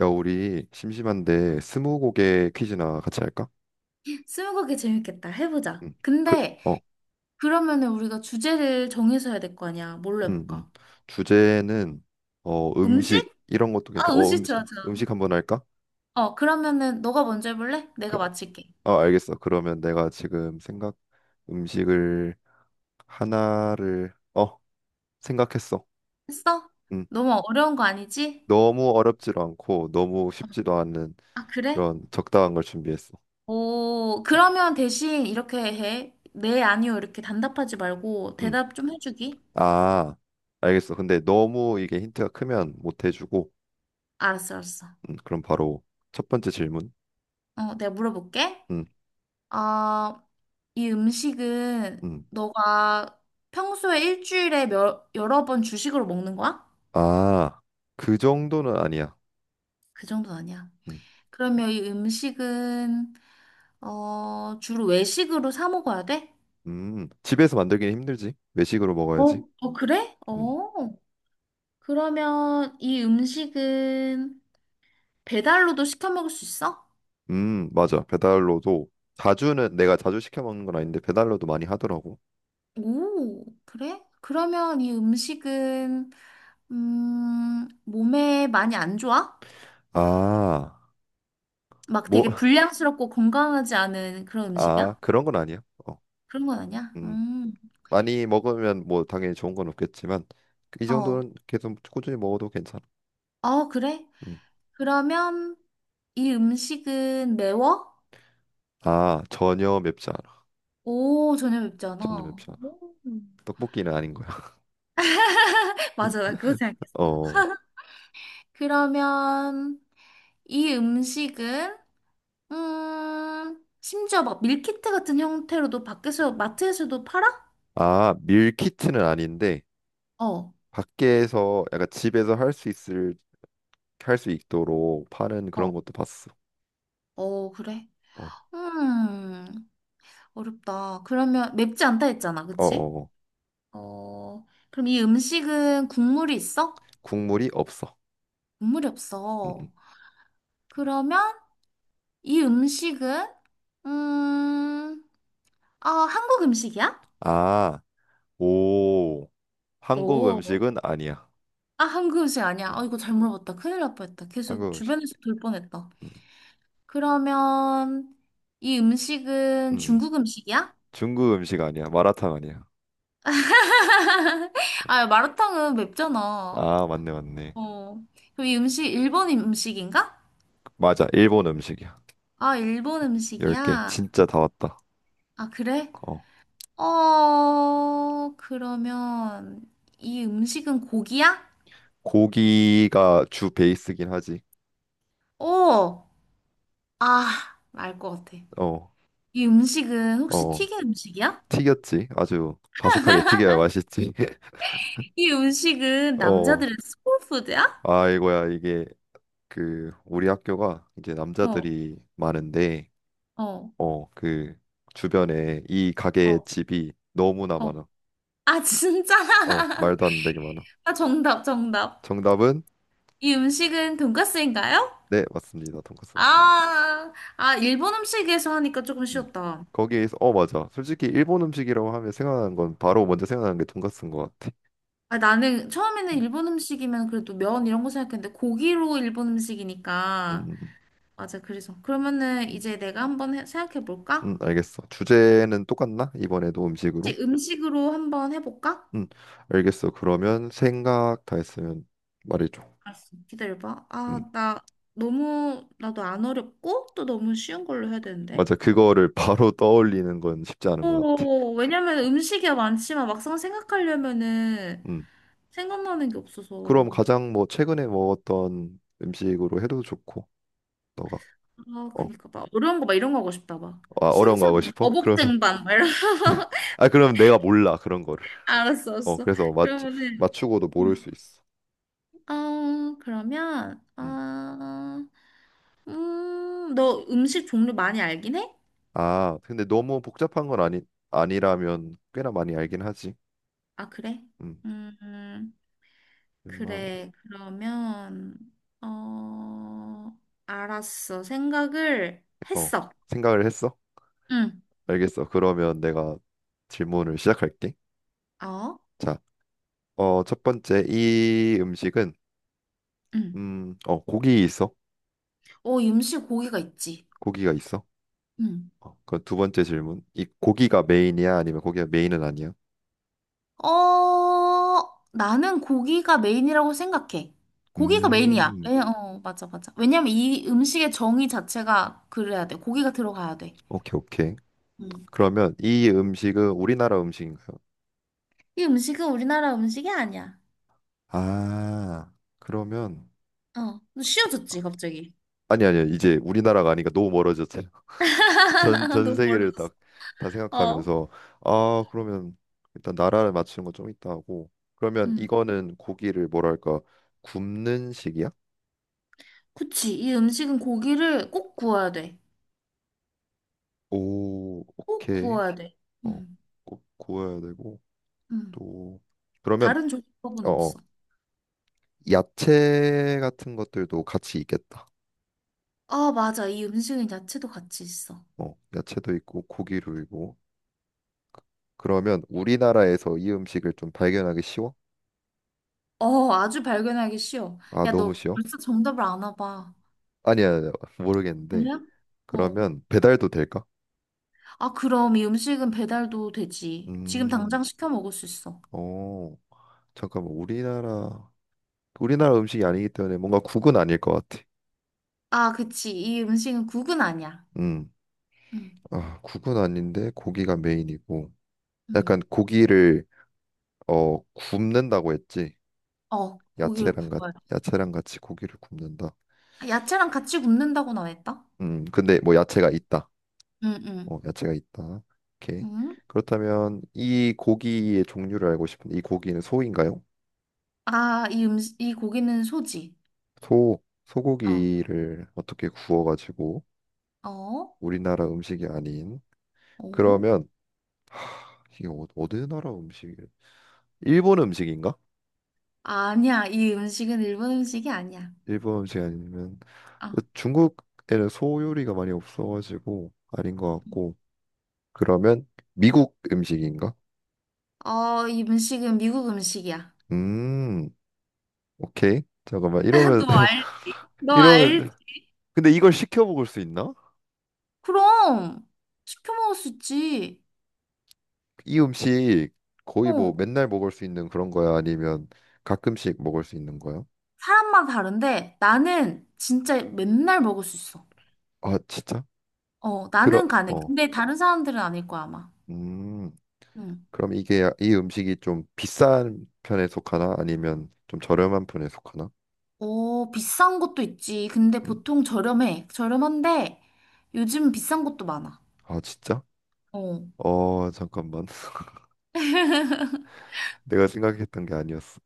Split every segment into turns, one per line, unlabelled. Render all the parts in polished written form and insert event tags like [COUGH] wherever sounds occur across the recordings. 야, 우리 심심한데 스무고개 퀴즈나 같이 할까?
스무고개 재밌겠다. 해보자.
응. 그,
근데
어,
그러면은 우리가 주제를 정해서 해야 될 거 아니야. 뭘로
음, 음.
해볼까?
주제는 음식
음식?
이런 것도
아,
괜찮아. 어
음식
음식
좋아, 좋아.
음식 한번 할까?
그러면은 너가 먼저 해볼래? 내가
그,
맞힐게.
아 알겠어. 그러면 내가 지금 생각 음식을 하나를 생각했어.
했어?
음.
너무 어려운 거 아니지?
너무 어렵지도 않고 너무
어.
쉽지도 않은
아, 그래?
그런 적당한 걸 준비했어.
오, 그러면 대신 이렇게 해. 네, 아니요. 이렇게 단답하지 말고
음.
대답 좀 해주기.
아, 알겠어. 근데 너무 이게 힌트가 크면 못 해주고,
알았어, 알았어.
그럼 바로 첫 번째 질문.
내가 물어볼게.
음,
어, 이 음식은
음.
너가 평소에 일주일에 몇, 여러 번 주식으로 먹는 거야?
아, 그 정도는 아니야.
그 정도는 아니야.
음,
그러면 이 음식은 주로 외식으로 사 먹어야 돼?
집에서 만들기는 힘들지. 외식으로
어,
먹어야지.
어, 그래?
음,
어. 그러면 이 음식은 배달로도 시켜 먹을 수 있어?
맞아. 배달로도 자주는 내가 자주 시켜 먹는 건 아닌데 배달로도 많이 하더라고.
오, 그래? 그러면 이 음식은 몸에 많이 안 좋아?
아,
막
뭐,
되게
[LAUGHS]
불량스럽고 건강하지 않은 그런
아,
음식이야?
그런 건 아니야. 어,
그런 건 아니야?
음, 많이 먹으면 뭐 당연히 좋은 건 없겠지만 이
어.
정도는 계속 꾸준히 먹어도 괜찮아.
어, 그래?
음.
그러면 이 음식은 매워?
아, 전혀 맵지 않아.
오, 전혀 맵지
전혀
않아.
맵지 않아.
오.
떡볶이는 아닌 거야.
[LAUGHS] 맞아, 나 그거 생각했어.
[LAUGHS] 어,
그러면 이 음식은, 심지어 막 밀키트 같은 형태로도 밖에서, 마트에서도 팔아?
아, 밀키트는 아닌데.
어,
밖에서 약간 집에서 할 수 있도록 파는 그런
어,
것도 봤어.
어, 그래.
어,
음, 어렵다. 그러면 맵지 않다 했잖아,
어,
그치?
어. 어.
어, 그럼 이 음식은 국물이 있어?
국물이 없어.
국물이
음, 음.
없어. 그러면 이 음식은 음, 아, 한국 음식이야?
아, 오, 한국
오.
음식은 아니야.
아, 한국 음식 아니야.
음,
아, 이거 잘 물어봤다. 큰일 날 뻔했다. 계속
한국 음식.
주변에서 돌 뻔했다.
음,
그러면 이
음,
음식은
음.
중국 음식이야?
중국 음식 아니야. 마라탕 아니야.
아, 마라탕은 맵잖아.
아, 맞네, 맞네.
어. 그럼 이 음식 일본 음식인가?
맞아, 일본 음식이야.
아, 일본
10개
음식이야.
진짜 다 왔다.
아, 그래?
어,
그러면 이 음식은 고기야?
고기가 주 베이스긴 하지.
오. 아, 알 것 같아.
어,
이 음식은 혹시
어,
튀긴 음식이야?
튀겼지. 아주 바삭하게 튀겨야 맛있지. [LAUGHS]
이 음식은
어.
남자들의 소울푸드야?
아이고야 이게 우리 학교가 이제
어,
남자들이 많은데
어,
어 그 주변에 이 가게의
어,
집이 너무나
어.
많아
아, 진짜? [LAUGHS]
말도 안 되게 많아
아, 정답, 정답.
정답은
이 음식은 돈까스인가요?
네 맞습니다 돈까스 맞습니다
아, 아, 일본 음식에서 하니까 조금
음
쉬웠다.
거기에서 맞아 솔직히 일본 음식이라고 하면 생각나는 건 바로 먼저 생각나는 게 돈까스인 것 같아
아, 나는 처음에는
음,
일본 음식이면 그래도 면 이런 거 생각했는데 고기로 일본
음, 음,
음식이니까.
음,
맞아, 그래서. 그러면은
음,
이제 내가 한번 생각해 볼까?
알겠어 주제는 똑같나 이번에도 음식으로
혹시 음식으로 한번 해볼까?
음 알겠어 그러면 생각 다 했으면 말해줘
알았어. 기다려봐. 아,
음.
나 너무, 나도 안 어렵고, 또 너무 쉬운 걸로 해야 되는데.
맞아. 그거를 [LAUGHS] 바로 떠올리는 건 쉽지 않은 것 같아.
어, 왜냐면 음식이 많지만 막상 생각하려면은
음.
생각나는 게
그럼
없어서.
가장 뭐 최근에 먹었던 음식으로 해도 좋고, 너가
아,
어,
그니까 막 어려운 거 막 이런 거 하고 싶다, 막.
아, 어려운 거
신선,
하고 싶어? 그러면
어복쟁반, 막 이런. [LAUGHS]
[LAUGHS] 아 그럼 내가 몰라 그런 거를.
알았어, 알았어.
그래서 맞
그러면은,
맞추고도 모를
음.
수 있어.
어, 그러면,
음.
아, 너 음식 종류 많이 알긴 해?
아 근데 너무 복잡한 건 아니 아니라면 꽤나 많이 알긴 하지.
아, 그래?
음.
음.
웬만-
그래, 그러면, 어, 알았어. 생각을
어
했어.
생각을 했어?
응,
알겠어. 그러면 내가 질문을 시작할게.
어,
자, 첫 번째 이 음식은
응.
고기 있어?
어, 임시 고기가 있지.
고기가 있어?
응.
그럼 두 번째 질문. 이 고기가 메인이야? 아니면 고기가 메인은 아니야?
어, 나는 고기가 메인이라고 생각해. 고기가 그래. 메인이야.
음,
왜, 어, 맞아, 맞아. 왜냐면 이 음식의 정의 자체가 그래야 돼. 고기가 들어가야 돼.
오케이, 오케이.
응.
그러면 이 음식은 우리나라 음식인가요?
이 음식은 우리나라 음식이 아니야.
아, 그러면
어, 너 쉬워졌지, 갑자기.
아니 아니야. 이제 우리나라가 아니니까 너무 멀어졌잖아. [LAUGHS] 전
[LAUGHS]
전
너무
세계를
멀었어.
딱 다
어.
생각하면서 아, 그러면 일단 나라를 맞추는 건 좀 있다 하고. 그러면
응.
이거는 고기를 뭐랄까 굽는 식이야?
그치. 이 음식은 고기를 꼭 구워야 돼.
오,
꼭
오케이.
구워야 돼.
어,
응,
구워야 되고
응.
또 그러면
다른 조리법은
어, 어.
없어.
야채 같은 것들도 같이 있겠다.
아, 맞아. 이 음식은 야채도 같이 있어.
어, 야채도 있고 고기도 있고. 그러면 우리나라에서 이 음식을 좀 발견하기 쉬워?
어, 아주 발견하기 쉬워.
아,
야,
너무
너
쉬워?
벌써 정답을 아나 봐.
아니야, 아니야. 모르겠는데.
아니야? 어.
그러면 배달도 될까?
아, 그럼 이 음식은 배달도 되지. 지금
음,
당장 시켜 먹을 수 있어.
어, 잠깐만. 우리나라 음식이 아니기 때문에 뭔가 국은 아닐 것 같아.
아, 그치. 이 음식은 국은 아니야.
음,
응,
아, 국은 아닌데 고기가 메인이고. 약간
응.
고기를 굽는다고 했지.
고기를
야채랑 같
구워야
야채랑 같이 고기를 굽는다.
아, 야채랑 같이 굽는다고나 했다?
근데 뭐 야채가 있다.
응, 응.
어, 야채가 있다. 오케이.
응?
그렇다면 이 고기의 종류를 알고 싶은데 이 고기는 소인가요?
아, 이 음식, 이 고기는 소지.
소,
어,
소고기를 어떻게 구워가지고
어,
우리나라 음식이 아닌
어.
그러면 이게 어느 나라 음식이? 일본 음식인가?
아니야, 이 음식은 일본 음식이 아니야.
일본 음식 아니면
어,
중국에는 소 요리가 많이 없어가지고 아닌 것 같고 그러면 미국 음식인가?
어, 이 음식은 미국 음식이야.
음, 오케이. 잠깐만
[LAUGHS]
이러면
너 알지?
[LAUGHS]
너
이러면
알지?
근데 이걸 시켜 먹을 수 있나?
그럼 시켜 먹을 수 있지.
이 음식 거의 뭐
어,
맨날 먹을 수 있는 그런 거야? 아니면 가끔씩 먹을 수 있는 거야?
사람마다 다른데 나는 진짜 맨날 먹을 수 있어.
아, 진짜?
어,
그러,
나는 가능.
어,
근데 다른 사람들은 아닐 거야, 아마.
음,
응.
그럼 이게 이 음식이 좀 비싼 편에 속하나? 아니면 좀 저렴한 편에 속하나?
어, 비싼 것도 있지. 근데
음,
보통 저렴해. 저렴한데 요즘 비싼 것도 많아.
아, 진짜?
어.
잠깐만. [LAUGHS] 내가 생각했던 게 아니었어.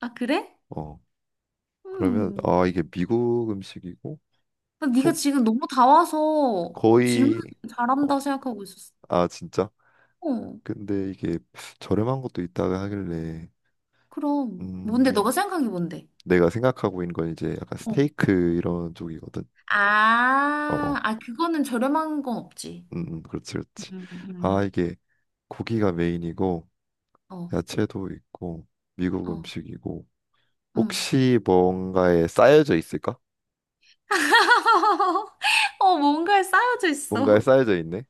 아, 그래?
어, 그러면,
음.
아, 이게 미국 음식이고,
근데 네가
속,
지금 너무 다 와서 질문
거의, 어,
잘한다 생각하고 있었어.
아, 진짜?
어,
근데 이게 저렴한 것도 있다고 하길래,
그럼. 뭔데? 너가
음,
생각한 게 뭔데?
내가 생각하고 있는 건 이제 약간
어.
스테이크 이런 쪽이거든.
아,
어, 어.
아, 그거는 저렴한 건 없지.
그렇지, 그렇지.
음,
아,
음.
이게 고기가 메인이고
어,
야채도 있고 미국
어,
음식이고
음.
혹시 뭔가에 쌓여져 있을까?
[LAUGHS] 어, 뭔가에 쌓여져
뭔가에
있어.
쌓여져 있네.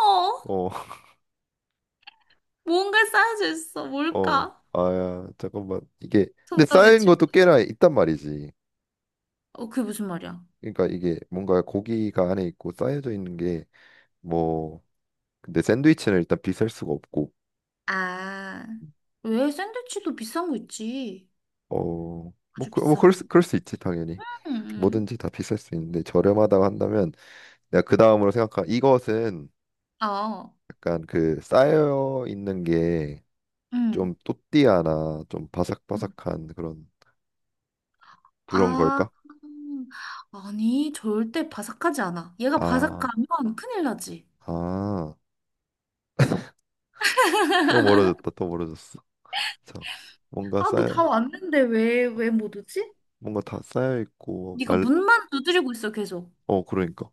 어,
어, [LAUGHS]
뭔가에 쌓여져 있어.
어.
뭘까?
아야, 잠깐만. 이게 근데
정답
쌓인
외치.
것도 꽤나 있단 말이지.
어, 그게 무슨 말이야?
그러니까 이게 뭔가 고기가 안에 있고 쌓여져 있는 게 뭐 근데 샌드위치는 일단 비쌀 수가 없고
아, 왜 샌드위치도 비싼 거 있지?
어, 뭐,
아주
뭐
비싸면.
그럴 수 있지 당연히
음,
뭐든지 다 비쌀 수 있는데 저렴하다고 한다면 내가 그 다음으로 생각한 이것은
어,
약간 그 쌓여 있는 게
음.
좀 또띠아나 좀 바삭바삭한 그런
아,
걸까?
아니, 절대 바삭하지 않아. 얘가
아,
바삭하면 큰일 나지.
아, 또 멀어졌다, 또 멀어졌어. 자, 뭔가
아, 너
쌓여,
다 왔는데 왜, 왜 못 오지?
뭔가 다 쌓여 있고
네가
말,
문만 두드리고 있어, 계속.
어, 그러니까.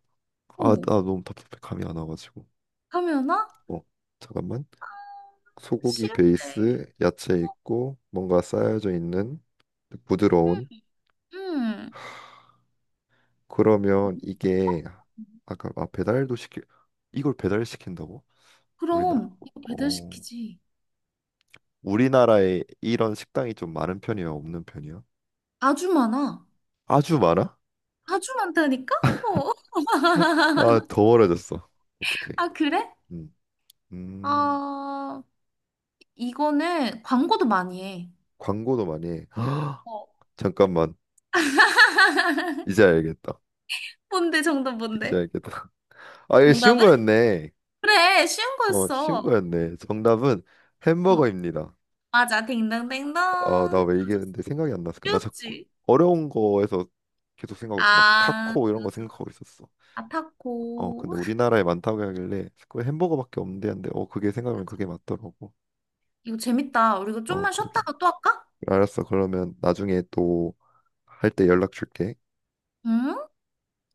어,
아, 나 너무 답답해 감이 안 와가지고.
하면아?
어, 잠깐만. 소고기
싫은데.
베이스 야채 있고 뭔가 쌓여져 있는 부드러운
응,
그러면 이게
응.
아까 아 배달도 시키 이걸 배달시킨다고? 우리나라
그럼, 이거
어
배달시키지.
우리나라에 이런 식당이 좀 많은 편이야 없는 편이야?
아주 많아.
아주 많아?
아주 많다니까? 어. [LAUGHS]
아 더 멀어졌어 어떡해
아, 그래?
음, 음
아, 이거는 광고도 많이 해.
광고도 많이 해 [GASPS]
어.
잠깐만 이제 알겠다
뭔데, 정답
이제
뭔데?
알겠다 [LAUGHS] 아 이거 쉬운
정답은?
거였네
그래, 쉬운
쉬운
거였어.
거였네 정답은
어,
햄버거입니다
맞아. 딩동댕동.
아, 나 왜
맞아.
얘기했는데 생각이 안 났을까? 나 자꾸
쉬웠지.
어려운 거에서 계속 생각하고 있어. 막
아,
타코 이런 거
맞아.
생각하고 있었어. 어, 근데
아타코.
우리나라에 많다고 하길래 자꾸 햄버거밖에 없는데 한데 그게 생각하면
맞아.
그게 맞더라고.
이거 재밌다. 우리 이거
어,
좀만
그러게.
쉬었다가 또 할까?
알았어. 그러면 나중에 또 할 때 연락 줄게.
응?